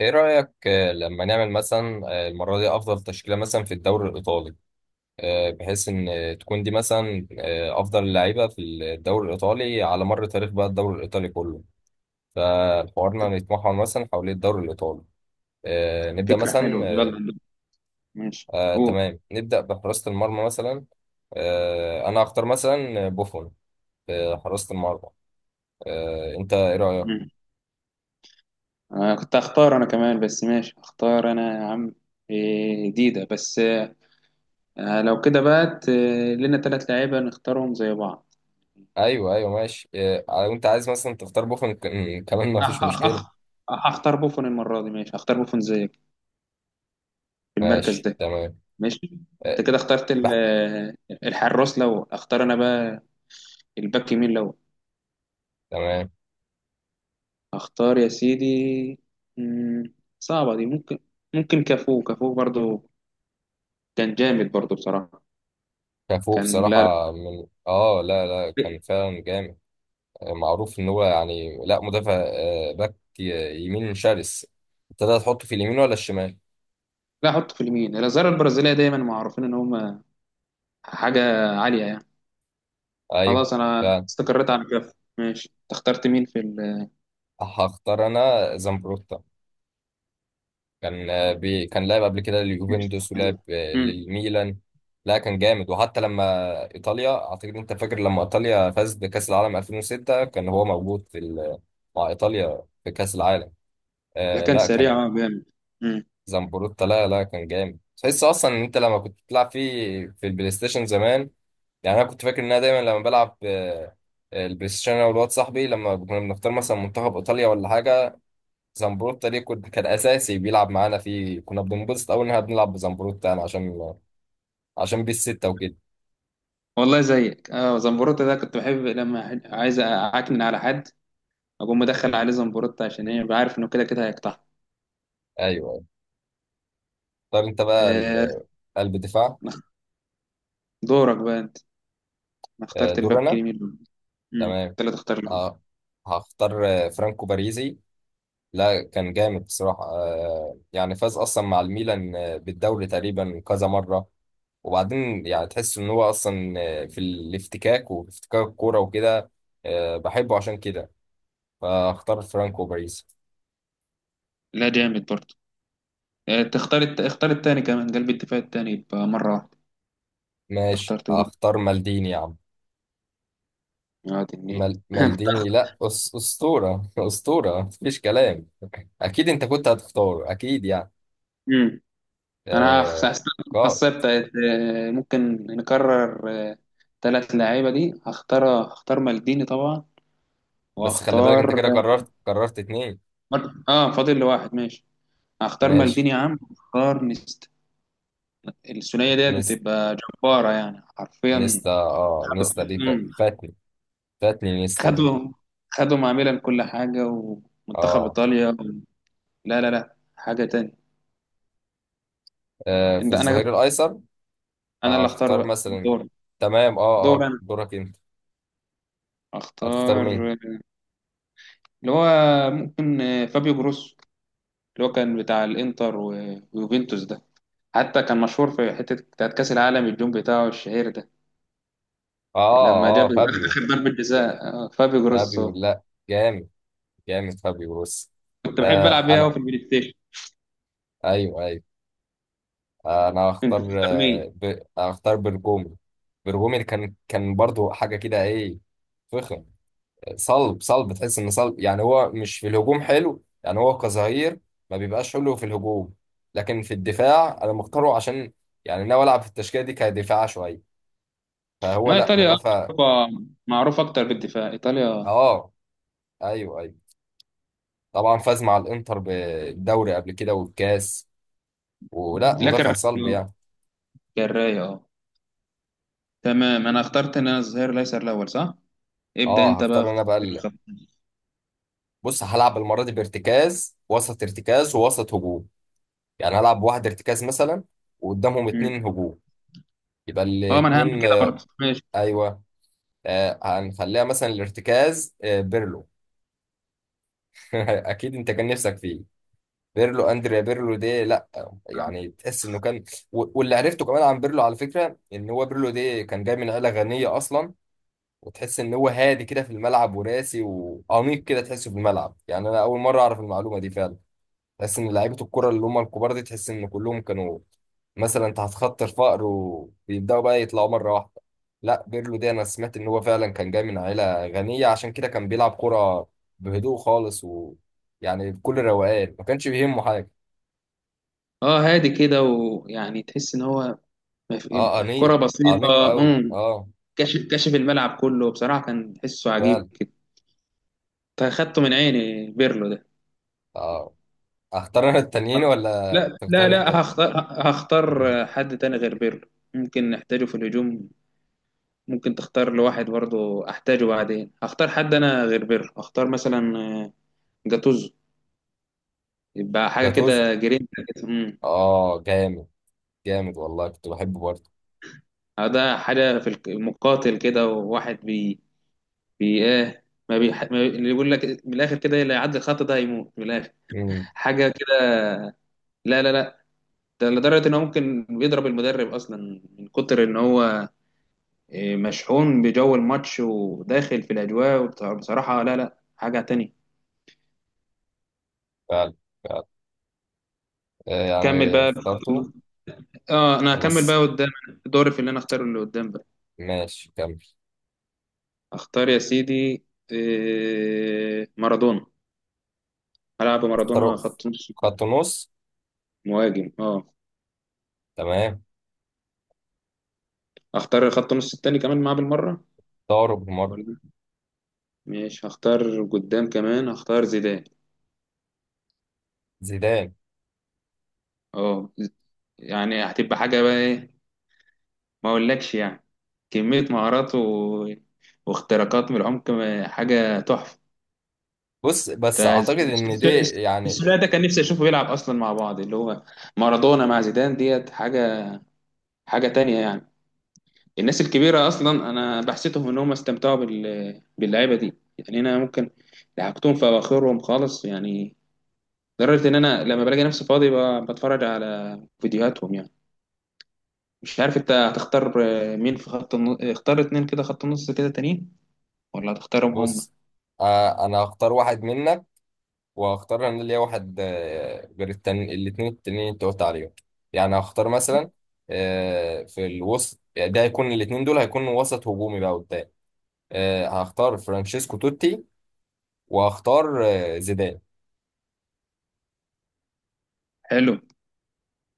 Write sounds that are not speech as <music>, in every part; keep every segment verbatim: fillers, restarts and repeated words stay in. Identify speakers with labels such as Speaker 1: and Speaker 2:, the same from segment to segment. Speaker 1: ايه رأيك، آه، لما نعمل مثلا، آه، المرة دي افضل تشكيلة مثلا في الدوري الايطالي، آه، بحيث ان آه، تكون دي مثلا آه، افضل لعيبة في الدوري الايطالي على مر تاريخ بقى الدوري الايطالي كله. فحوارنا نتمحور مثلا حوالين الدوري الايطالي. آه، نبدأ
Speaker 2: فكرة
Speaker 1: مثلا
Speaker 2: حلوة،
Speaker 1: آه،
Speaker 2: يلا. ماشي،
Speaker 1: آه،
Speaker 2: قول.
Speaker 1: تمام، نبدأ بحراسة المرمى مثلا. آه، انا هختار مثلا بوفون في حراسة المرمى. آه، انت ايه رأيك؟
Speaker 2: مم. أنا كنت هختار أنا كمان، بس ماشي، هختار أنا يا عم. إيه، جديدة بس آه، آه، لو كده بقى ت- لنا تلات لعيبة نختارهم زي بعض.
Speaker 1: ايوه، ايوه، ماشي، آه، وانت عايز مثلا تختار بوفون ك- كمان ما فيش
Speaker 2: أخ أخ
Speaker 1: مشكلة.
Speaker 2: أخ. هختار بوفون المرة دي. ماشي، هختار بوفون زيك في المركز
Speaker 1: ماشي،
Speaker 2: ده.
Speaker 1: تمام.
Speaker 2: ماشي.
Speaker 1: أه،
Speaker 2: أنت كده اخترت ال-
Speaker 1: بح-
Speaker 2: الحراس. لو أختار أنا بقى الباك يمين، لو
Speaker 1: تمام.
Speaker 2: أختار يا سيدي. مم، صعبة دي. ممكن ممكن كافو. كافو برضو كان جامد برضو بصراحة.
Speaker 1: كافو
Speaker 2: كان لا،
Speaker 1: بصراحة، من اه لا، لا، كان
Speaker 2: لا.
Speaker 1: فعلا جامد. معروف ان هو يعني لا مدافع، آه، باك ي- يمين شرس. ابتدى تحطه في اليمين ولا الشمال؟
Speaker 2: احط في اليمين. الازهار البرازيليه دايما معروفين ان هم حاجه عاليه يعني.
Speaker 1: ايوه،
Speaker 2: خلاص، انا
Speaker 1: فعلا.
Speaker 2: استقريت على كده. ماشي، انت اخترت مين في ال...
Speaker 1: هختار انا زامبروتا. كان آه، بي كان لعب قبل كده لليوفنتوس،
Speaker 2: حلو.
Speaker 1: ولعب آه،
Speaker 2: امم،
Speaker 1: للميلان. لا، كان جامد. وحتى لما ايطاليا، اعتقد انت فاكر لما ايطاليا فازت بكأس العالم ألفين وستة، كان هو موجود في ال- مع ايطاليا في كأس العالم.
Speaker 2: لا،
Speaker 1: آه
Speaker 2: كان
Speaker 1: لا،
Speaker 2: سريع،
Speaker 1: كان
Speaker 2: اه جامد. امم
Speaker 1: زنبروتا. لا، لا، كان جامد. تحس اصلا ان انت لما كنت بتلعب فيه في البلاي ستيشن زمان، يعني انا كنت فاكر ان انا دايما لما بلعب آه، البلاي ستيشن انا والواد صاحبي، لما كنا بنختار مثلا منتخب ايطاليا ولا حاجه، زنبروتا ليه كنت كان اساسي بيلعب معانا فيه، كنا بننبسط قوي ان احنا بنلعب بزنبروتا يعني عشان عشان بيه السته وكده.
Speaker 2: والله زيك، اه زمبروتا ده كنت بحب لما ح- عايز اعكنن على حد، اقوم مدخل عليه زمبروتا. عشان ايه؟ ببقى عارف انه كده كده هيقطع.
Speaker 1: ايوه. اختار انت بقى
Speaker 2: آه
Speaker 1: ال- قلب دفاع.
Speaker 2: نخ- دورك بقى انت. انا
Speaker 1: آه،
Speaker 2: اخترت
Speaker 1: دور
Speaker 2: الباك
Speaker 1: انا.
Speaker 2: اليمين. امم
Speaker 1: تمام.
Speaker 2: انت اللي تختار له.
Speaker 1: اه هختار آه، فرانكو باريزي. لا، كان جامد بصراحة. آه، يعني فاز أصلا مع الميلان آه، بالدوري تقريبا كذا مرة. وبعدين يعني تحس إن هو أصلا آه، في الافتكاك وافتكاك الكورة وكده. آه، بحبه عشان كده. فاختار فرانكو باريس.
Speaker 2: لا، جامد برضه. آه تختار الت- اختار التاني كمان، قلب الدفاع التاني يبقى مره واحده. انت
Speaker 1: ماشي،
Speaker 2: اخترت
Speaker 1: هختار مالديني يا عم.
Speaker 2: وادي النيل.
Speaker 1: مال مالديني،
Speaker 2: <laughs>
Speaker 1: لا. أس أسطورة <laughs> أسطورة، مفيش كلام. أكيد أنت كنت هتختار أكيد يعني.
Speaker 2: أمم. انا
Speaker 1: آه،
Speaker 2: خصبت.
Speaker 1: قائد.
Speaker 2: ممكن نكرر ثلاث لعيبه دي. هختار هختار مالديني طبعا،
Speaker 1: بس خلي بالك، أنت
Speaker 2: وهختار...
Speaker 1: كده قررت قررت اتنين.
Speaker 2: اه، فاضل لي واحد، ماشي. هختار
Speaker 1: ماشي.
Speaker 2: مالديني يا عم، هختار نيستا. الثنائيه ديت
Speaker 1: اتنين.
Speaker 2: بتبقى جباره يعني حرفيا.
Speaker 1: نيستا، اه
Speaker 2: خدوا.
Speaker 1: نيستا دي فا-
Speaker 2: أمم.
Speaker 1: فاتني. فاتني نيستا دي.
Speaker 2: خدوا خدوا مع ميلان كل حاجه، ومنتخب
Speaker 1: اه
Speaker 2: ايطاليا و... لا، لا، لا، حاجه تانية.
Speaker 1: آه، في
Speaker 2: انت انا
Speaker 1: الظهير الايسر
Speaker 2: انا اللي اختار
Speaker 1: هختار
Speaker 2: بقى.
Speaker 1: مثلا.
Speaker 2: دور
Speaker 1: تمام. اه اه
Speaker 2: دور انا.
Speaker 1: دورك انت. هتختار
Speaker 2: اختار
Speaker 1: مين؟
Speaker 2: اللي هو ممكن آه، فابيو جروسو، اللي هو كان بتاع الانتر و- ويوفنتوس ده. حتى كان مشهور في حتة بتاعت كأس العالم، الجون بتاعه الشهير ده
Speaker 1: اه
Speaker 2: لما جاب
Speaker 1: اه فابيو،
Speaker 2: آخر ضربة جزاء آه، فابيو
Speaker 1: فابيو
Speaker 2: جروسو.
Speaker 1: لا، جامد جامد، فابيو بص.
Speaker 2: كنت بحب
Speaker 1: آه
Speaker 2: ألعب بيها أوي
Speaker 1: انا
Speaker 2: في البلاي ستيشن.
Speaker 1: ايوه، ايوه. آه، انا
Speaker 2: كنت
Speaker 1: هختار
Speaker 2: بتختار مين؟
Speaker 1: آه، ب... هختار برجومي. برجومي كان كان برضو حاجه كده ايه. فخم. صلب صلب، تحس ان صلب يعني، هو مش في الهجوم حلو، يعني هو كظهير ما بيبقاش حلو في الهجوم. لكن في الدفاع انا مختاره، عشان يعني ناوي العب في التشكيله دي كدفاع شويه، فهو
Speaker 2: ما
Speaker 1: لا
Speaker 2: إيطاليا، آه،
Speaker 1: مدافع.
Speaker 2: أوروبا، معروفة أكتر بالدفاع، إيطاليا.
Speaker 1: اه ايوه، ايوه، طبعا. فاز مع الانتر بالدوري قبل كده والكاس. ولا
Speaker 2: لا،
Speaker 1: مدافع صلب
Speaker 2: كالراية.
Speaker 1: يعني.
Speaker 2: كالراية، أه. تمام، أنا اخترت إن أنا الظهير الأيسر الأول، صح؟ ابدأ
Speaker 1: اه
Speaker 2: أنت بقى
Speaker 1: هختار
Speaker 2: في
Speaker 1: انا بقى
Speaker 2: في
Speaker 1: ال-
Speaker 2: الخط.
Speaker 1: بص، هلعب المره دي بارتكاز وسط، ارتكاز ووسط هجوم. يعني هلعب واحد ارتكاز مثلا، وقدامهم
Speaker 2: مم.
Speaker 1: اتنين هجوم. يبقى
Speaker 2: أه، ما أنا هعمل
Speaker 1: الاتنين
Speaker 2: كده
Speaker 1: آه،
Speaker 2: برضه، ماشي.
Speaker 1: ايوه. آه، هنخليها مثلا الارتكاز آه، بيرلو. <laughs> اكيد انت كان نفسك فيه. بيرلو، اندريا بيرلو ده لا،
Speaker 2: أه.
Speaker 1: يعني تحس انه كان. و- واللي عرفته كمان عن بيرلو على فكره، ان هو بيرلو ده كان جاي من عيله غنيه اصلا. وتحس ان هو هادي كده في الملعب وراسي وانيق كده، تحسه في الملعب. يعني انا اول مره اعرف المعلومه دي فعلا. تحس ان لعيبه الكره اللي هم الكبار دي، تحس ان كلهم كانوا مثلا تحت خط الفقر وبيبداوا بقى يطلعوا مره واحده. لا، بيرلو ده انا سمعت ان هو فعلا كان جاي من عيله غنيه، عشان كده كان بيلعب كره بهدوء خالص ويعني بكل روقان، ما كانش بيهمه حاجه.
Speaker 2: آه، هادي كده، ويعني تحس إن هو ما في-
Speaker 1: اه
Speaker 2: يبقى
Speaker 1: انيق،
Speaker 2: كرة
Speaker 1: انيق
Speaker 2: بسيطة.
Speaker 1: قوي.
Speaker 2: امم.
Speaker 1: اه
Speaker 2: كشف كشف الملعب كله بصراحة، كان تحسه عجيب
Speaker 1: فعلا.
Speaker 2: كده. فاخدته من عيني، بيرلو ده.
Speaker 1: اه اختار انا التانيين ولا
Speaker 2: لا، لا،
Speaker 1: تختار
Speaker 2: لا،
Speaker 1: انت؟
Speaker 2: هختار. هختار
Speaker 1: <laughs>
Speaker 2: حد تاني غير بيرلو، ممكن نحتاجه في الهجوم. ممكن تختار لواحد برضه، احتاجه بعدين. هختار حد انا غير بيرلو، هختار مثلا آه، جاتوزو. يبقى حاجة
Speaker 1: جاتوزو.
Speaker 2: كده، جرينتا كده. امم.
Speaker 1: اه جامد، جامد، والله كنت بحبه برضه.
Speaker 2: ده حاجة في الك- المقاتل كده، وواحد بي بي ايه، ما بيح... ما بي... اللي يقول لك من الاخر كده، اللي يعدي الخط ده هيموت من الاخر.
Speaker 1: امم
Speaker 2: حاجة كده. لا، لا، لا، ده لدرجة ان هو ممكن بيضرب المدرب اصلا من كتر ان هو إيه، مشحون بجو الماتش وداخل في الاجواء وبت- بصراحة. لا، لا، حاجة تانية.
Speaker 1: فعلا، فعلا. آه،
Speaker 2: كمل
Speaker 1: يعني
Speaker 2: بقى.
Speaker 1: اخترته.
Speaker 2: اه، انا هكمل بقى
Speaker 1: خلاص،
Speaker 2: قدام، دوري في اللي انا اختاره اللي قدام بقى.
Speaker 1: ماشي، كمل.
Speaker 2: اختار يا سيدي، إيه، مارادونا. هلعب مارادونا
Speaker 1: الطرف،
Speaker 2: خط نص
Speaker 1: خط نص.
Speaker 2: مهاجم، اه.
Speaker 1: تمام.
Speaker 2: اختار خط نص التاني كمان معاه بالمرة،
Speaker 1: طارق بمر.
Speaker 2: ولا ماشي، هختار قدام كمان. هختار زيدان.
Speaker 1: زيدان.
Speaker 2: اه، يعني هتبقى حاجة بقى ايه، ما اقولكش يعني، كمية مهارات و... واختراقات من العمق ما- حاجة تحفة.
Speaker 1: بص، بس
Speaker 2: تا-
Speaker 1: اعتقد ان دي
Speaker 2: الس-
Speaker 1: يعني.
Speaker 2: الثلاثي ده كان نفسي اشوفه بيلعب اصلا مع بعض، اللي هو مارادونا مع زيدان ديت. حاجة. حاجة تانية يعني. الناس الكبيرة اصلا، انا بحسيتهم ان هم استمتعوا بال... باللعيبة دي يعني. انا ممكن لحقتهم في اواخرهم خالص يعني، لدرجة ان انا لما بلاقي نفسي فاضي ب... بتفرج على فيديوهاتهم يعني. مش عارف انت هتختار آه، مين في خط النص. اختار اتنين كده خط النص كده تانيين، ولا هتختارهم هم؟
Speaker 1: بص، آه انا هختار واحد منك، وهختار انا ليا واحد آه غير التاني. الاتنين التانيين انت قلت عليهم. يعني هختار
Speaker 2: م.
Speaker 1: مثلا آه في الوسط. يعني ده هيكون الاتنين دول، هيكونوا وسط هجومي بقى قدام. آه هختار فرانشيسكو توتي، وهختار آه زيدان.
Speaker 2: حلو.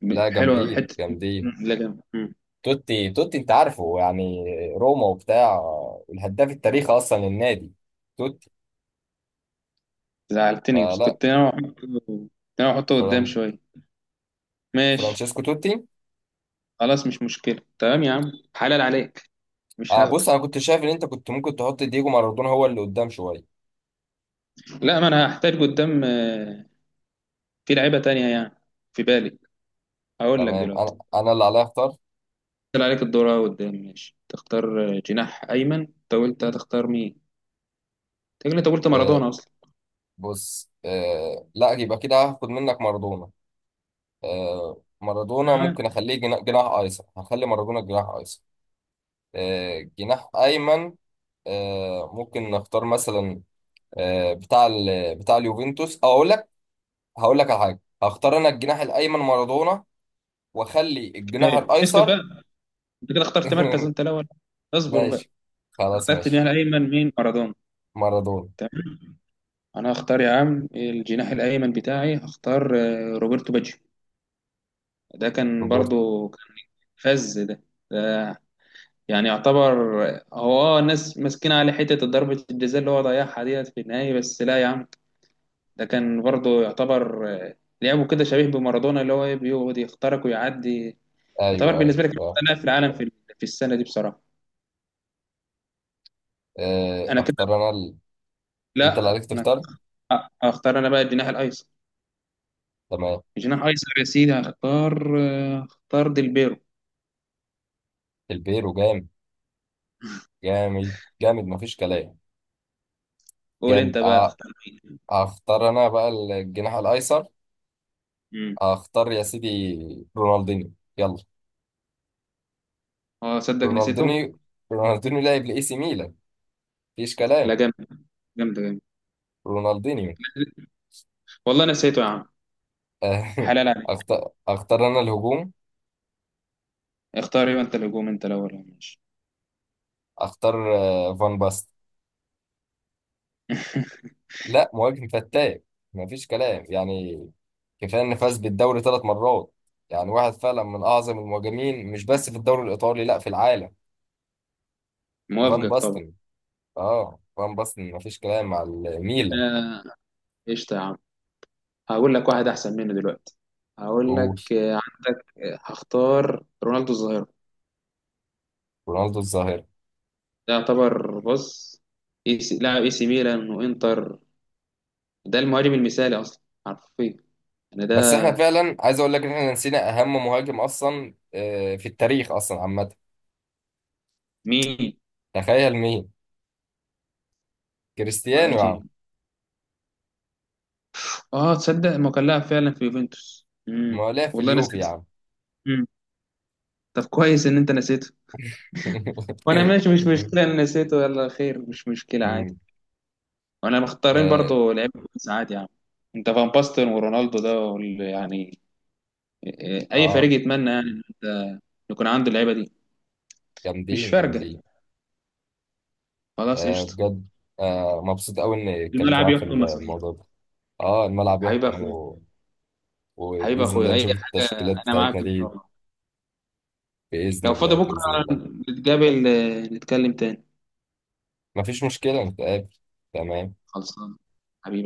Speaker 2: ب-
Speaker 1: لا،
Speaker 2: حلو
Speaker 1: جامدين،
Speaker 2: حتة.
Speaker 1: جامدين.
Speaker 2: م. لا، جامد. م.
Speaker 1: توتي، توتي انت عارفه يعني، روما وبتاع، والهداف التاريخي اصلا للنادي. توتي.
Speaker 2: زعلتني، بس
Speaker 1: فلا
Speaker 2: كنت انا احطه كنت انا احطه قدام
Speaker 1: فران...
Speaker 2: شوية. ماشي،
Speaker 1: فرانشيسكو توتي.
Speaker 2: خلاص، مش مشكلة. تمام يا عم، حلال عليك، مش
Speaker 1: آه
Speaker 2: هاخده.
Speaker 1: بص، انا كنت شايف ان انت كنت ممكن تحط دييجو مارادونا، هو اللي قدام شويه.
Speaker 2: لا، ما انا هحتاج قدام آه، في لعيبة تانية يعني في بالي، هقول لك
Speaker 1: تمام.
Speaker 2: دلوقتي.
Speaker 1: انا انا اللي عليا اختار.
Speaker 2: طلع عليك الدور أهو قدام. ماشي، تختار آه، جناح ايمن. انت قلت هتختار مين؟ انت كده- انت قلت مارادونا
Speaker 1: آه
Speaker 2: اصلا.
Speaker 1: بص، آه لا يبقى كده هاخد منك مارادونا. آه مارادونا
Speaker 2: معاك.
Speaker 1: ممكن اخليه جنا- جناح ايسر. هخلي مارادونا جناح ايسر. آه جناح ايمن. آه ممكن نختار مثلا آه، بتاع ال بتاع اليوفنتوس، او اقول لك، هقول لك على حاجه. هختار انا الجناح الايمن مارادونا، واخلي الجناح
Speaker 2: كفاية. اسكت
Speaker 1: الايسر.
Speaker 2: بقى. انت كده اخترت مركز
Speaker 1: <laughs>
Speaker 2: انت الاول. اصبر بقى.
Speaker 1: ماشي، خلاص
Speaker 2: اخترت
Speaker 1: ماشي.
Speaker 2: جناح ايمن مين؟ مارادونا.
Speaker 1: مارادونا.
Speaker 2: انا هختار يا عم الجناح الايمن بتاعي. هختار آه، روبرتو باجيو. ده كان
Speaker 1: روبرت
Speaker 2: برضو كان فز ده، ده يعني يعتبر آه، هو اه الناس ماسكين عليه حته ضربه الجزاء اللي هو ضيعها ديت في النهايه، بس لا يا عم. ده كان برضو يعتبر آه، لعبه كده شبيه بمارادونا، اللي هو إيه، بيقعد يخترق ويعدي. يعتبر
Speaker 1: ايوه، ايوه.
Speaker 2: بالنسبه لي كان
Speaker 1: آه،
Speaker 2: أحسن لاعب في العالم في في السنه دي بصراحه.
Speaker 1: آه،
Speaker 2: انا كده.
Speaker 1: اختار انا ال... انت اللي
Speaker 2: لا،
Speaker 1: عليك
Speaker 2: انا
Speaker 1: تختار.
Speaker 2: هختار انا بقى الجناح الايسر.
Speaker 1: تمام.
Speaker 2: الجناح الايسر يا سيدي، هختار آه، هختار ديلبيرو.
Speaker 1: البيرو جامد، جامد جامد، مفيش كلام.
Speaker 2: قول
Speaker 1: جامد.
Speaker 2: انت بقى،
Speaker 1: آه،
Speaker 2: تختار.
Speaker 1: اختار انا بقى الجناح الايسر.
Speaker 2: امم،
Speaker 1: اختار يا سيدي رونالدينيو، يلا.
Speaker 2: اه، صدق نسيته.
Speaker 1: رونالدينيو، رونالدينيو لاعب لاي سي ميلان، مفيش
Speaker 2: لا،
Speaker 1: كلام.
Speaker 2: جامد جامد جامد.
Speaker 1: رونالدينيو.
Speaker 2: والله نسيته يا عم، حلال عليك.
Speaker 1: اختار <laughs> اختار انا الهجوم.
Speaker 2: اختار ايه انت؟ الهجوم. انت الاول، يا ماشي.
Speaker 1: اختار آه، فان باست.
Speaker 2: <laughs>
Speaker 1: لا، مهاجم فتاك، مفيش كلام يعني. كفايه ان فاز بالدوري ثلاث مرات. يعني واحد فعلا من اعظم المهاجمين، مش بس في الدوري الايطالي، لا، في العالم. فان
Speaker 2: موافقك طبعا.
Speaker 1: باستن. اه فان باستن، مفيش كلام، مع الميلان.
Speaker 2: آه، قشطة يا عم. هقول لك واحد أحسن منه دلوقتي. هقول لك
Speaker 1: وش-
Speaker 2: آه، عندك آه، هختار رونالدو الظاهرة.
Speaker 1: رونالدو الظاهره.
Speaker 2: ده يعتبر، بص، إي سي- لاعب اي سي ميلان وانتر. ده المهاجم المثالي أصلا حرفيا يعني. ده
Speaker 1: بس احنا فعلا عايز اقول لك ان احنا نسينا اهم مهاجم اصلا، آه، في التاريخ اصلا عامه.
Speaker 2: مين؟
Speaker 1: تخيل مين. كريستيانو يا عم.
Speaker 2: مهاجم، اه. تصدق ما كان لاعب فعلا في يوفنتوس؟
Speaker 1: ما
Speaker 2: امم.
Speaker 1: هو لعب في
Speaker 2: والله
Speaker 1: اليوفي يا
Speaker 2: نسيت.
Speaker 1: عم.
Speaker 2: طب كويس ان انت نسيته. وانا ماشي، مش
Speaker 1: <laughs>
Speaker 2: مشكله، انا نسيته، يلا خير، مش مشكله عادي.
Speaker 1: مم.
Speaker 2: وانا مختارين
Speaker 1: اه
Speaker 2: برضو لعيبه كويس عادي يعني. انت فان باستن ورونالدو ده وال- يعني آه، اي
Speaker 1: آه.
Speaker 2: فريق يتمنى يعني ان انت يكون عنده اللعيبه دي. مش
Speaker 1: جامدين،
Speaker 2: فارقه،
Speaker 1: جامدين.
Speaker 2: خلاص،
Speaker 1: آه
Speaker 2: قشطه.
Speaker 1: بجد. آه مبسوط قوي اني اتكلمت
Speaker 2: الملعب
Speaker 1: معاك في
Speaker 2: يحكم مساطيل.
Speaker 1: الموضوع ده. اه الملعب
Speaker 2: حبيب
Speaker 1: يحكم
Speaker 2: اخوي.
Speaker 1: و...
Speaker 2: حبيب
Speaker 1: وباذن الله
Speaker 2: اخوي، اي
Speaker 1: نشوف
Speaker 2: حاجه.
Speaker 1: التشكيلات
Speaker 2: انا معاك
Speaker 1: بتاعتنا
Speaker 2: ان شاء
Speaker 1: دي.
Speaker 2: الله.
Speaker 1: باذن
Speaker 2: لو فاضي
Speaker 1: الله،
Speaker 2: بكره
Speaker 1: باذن الله.
Speaker 2: نتقابل، آه، نتكلم تاني.
Speaker 1: مفيش مشكله، نتقابل. تمام.
Speaker 2: خلصان. حبيبي.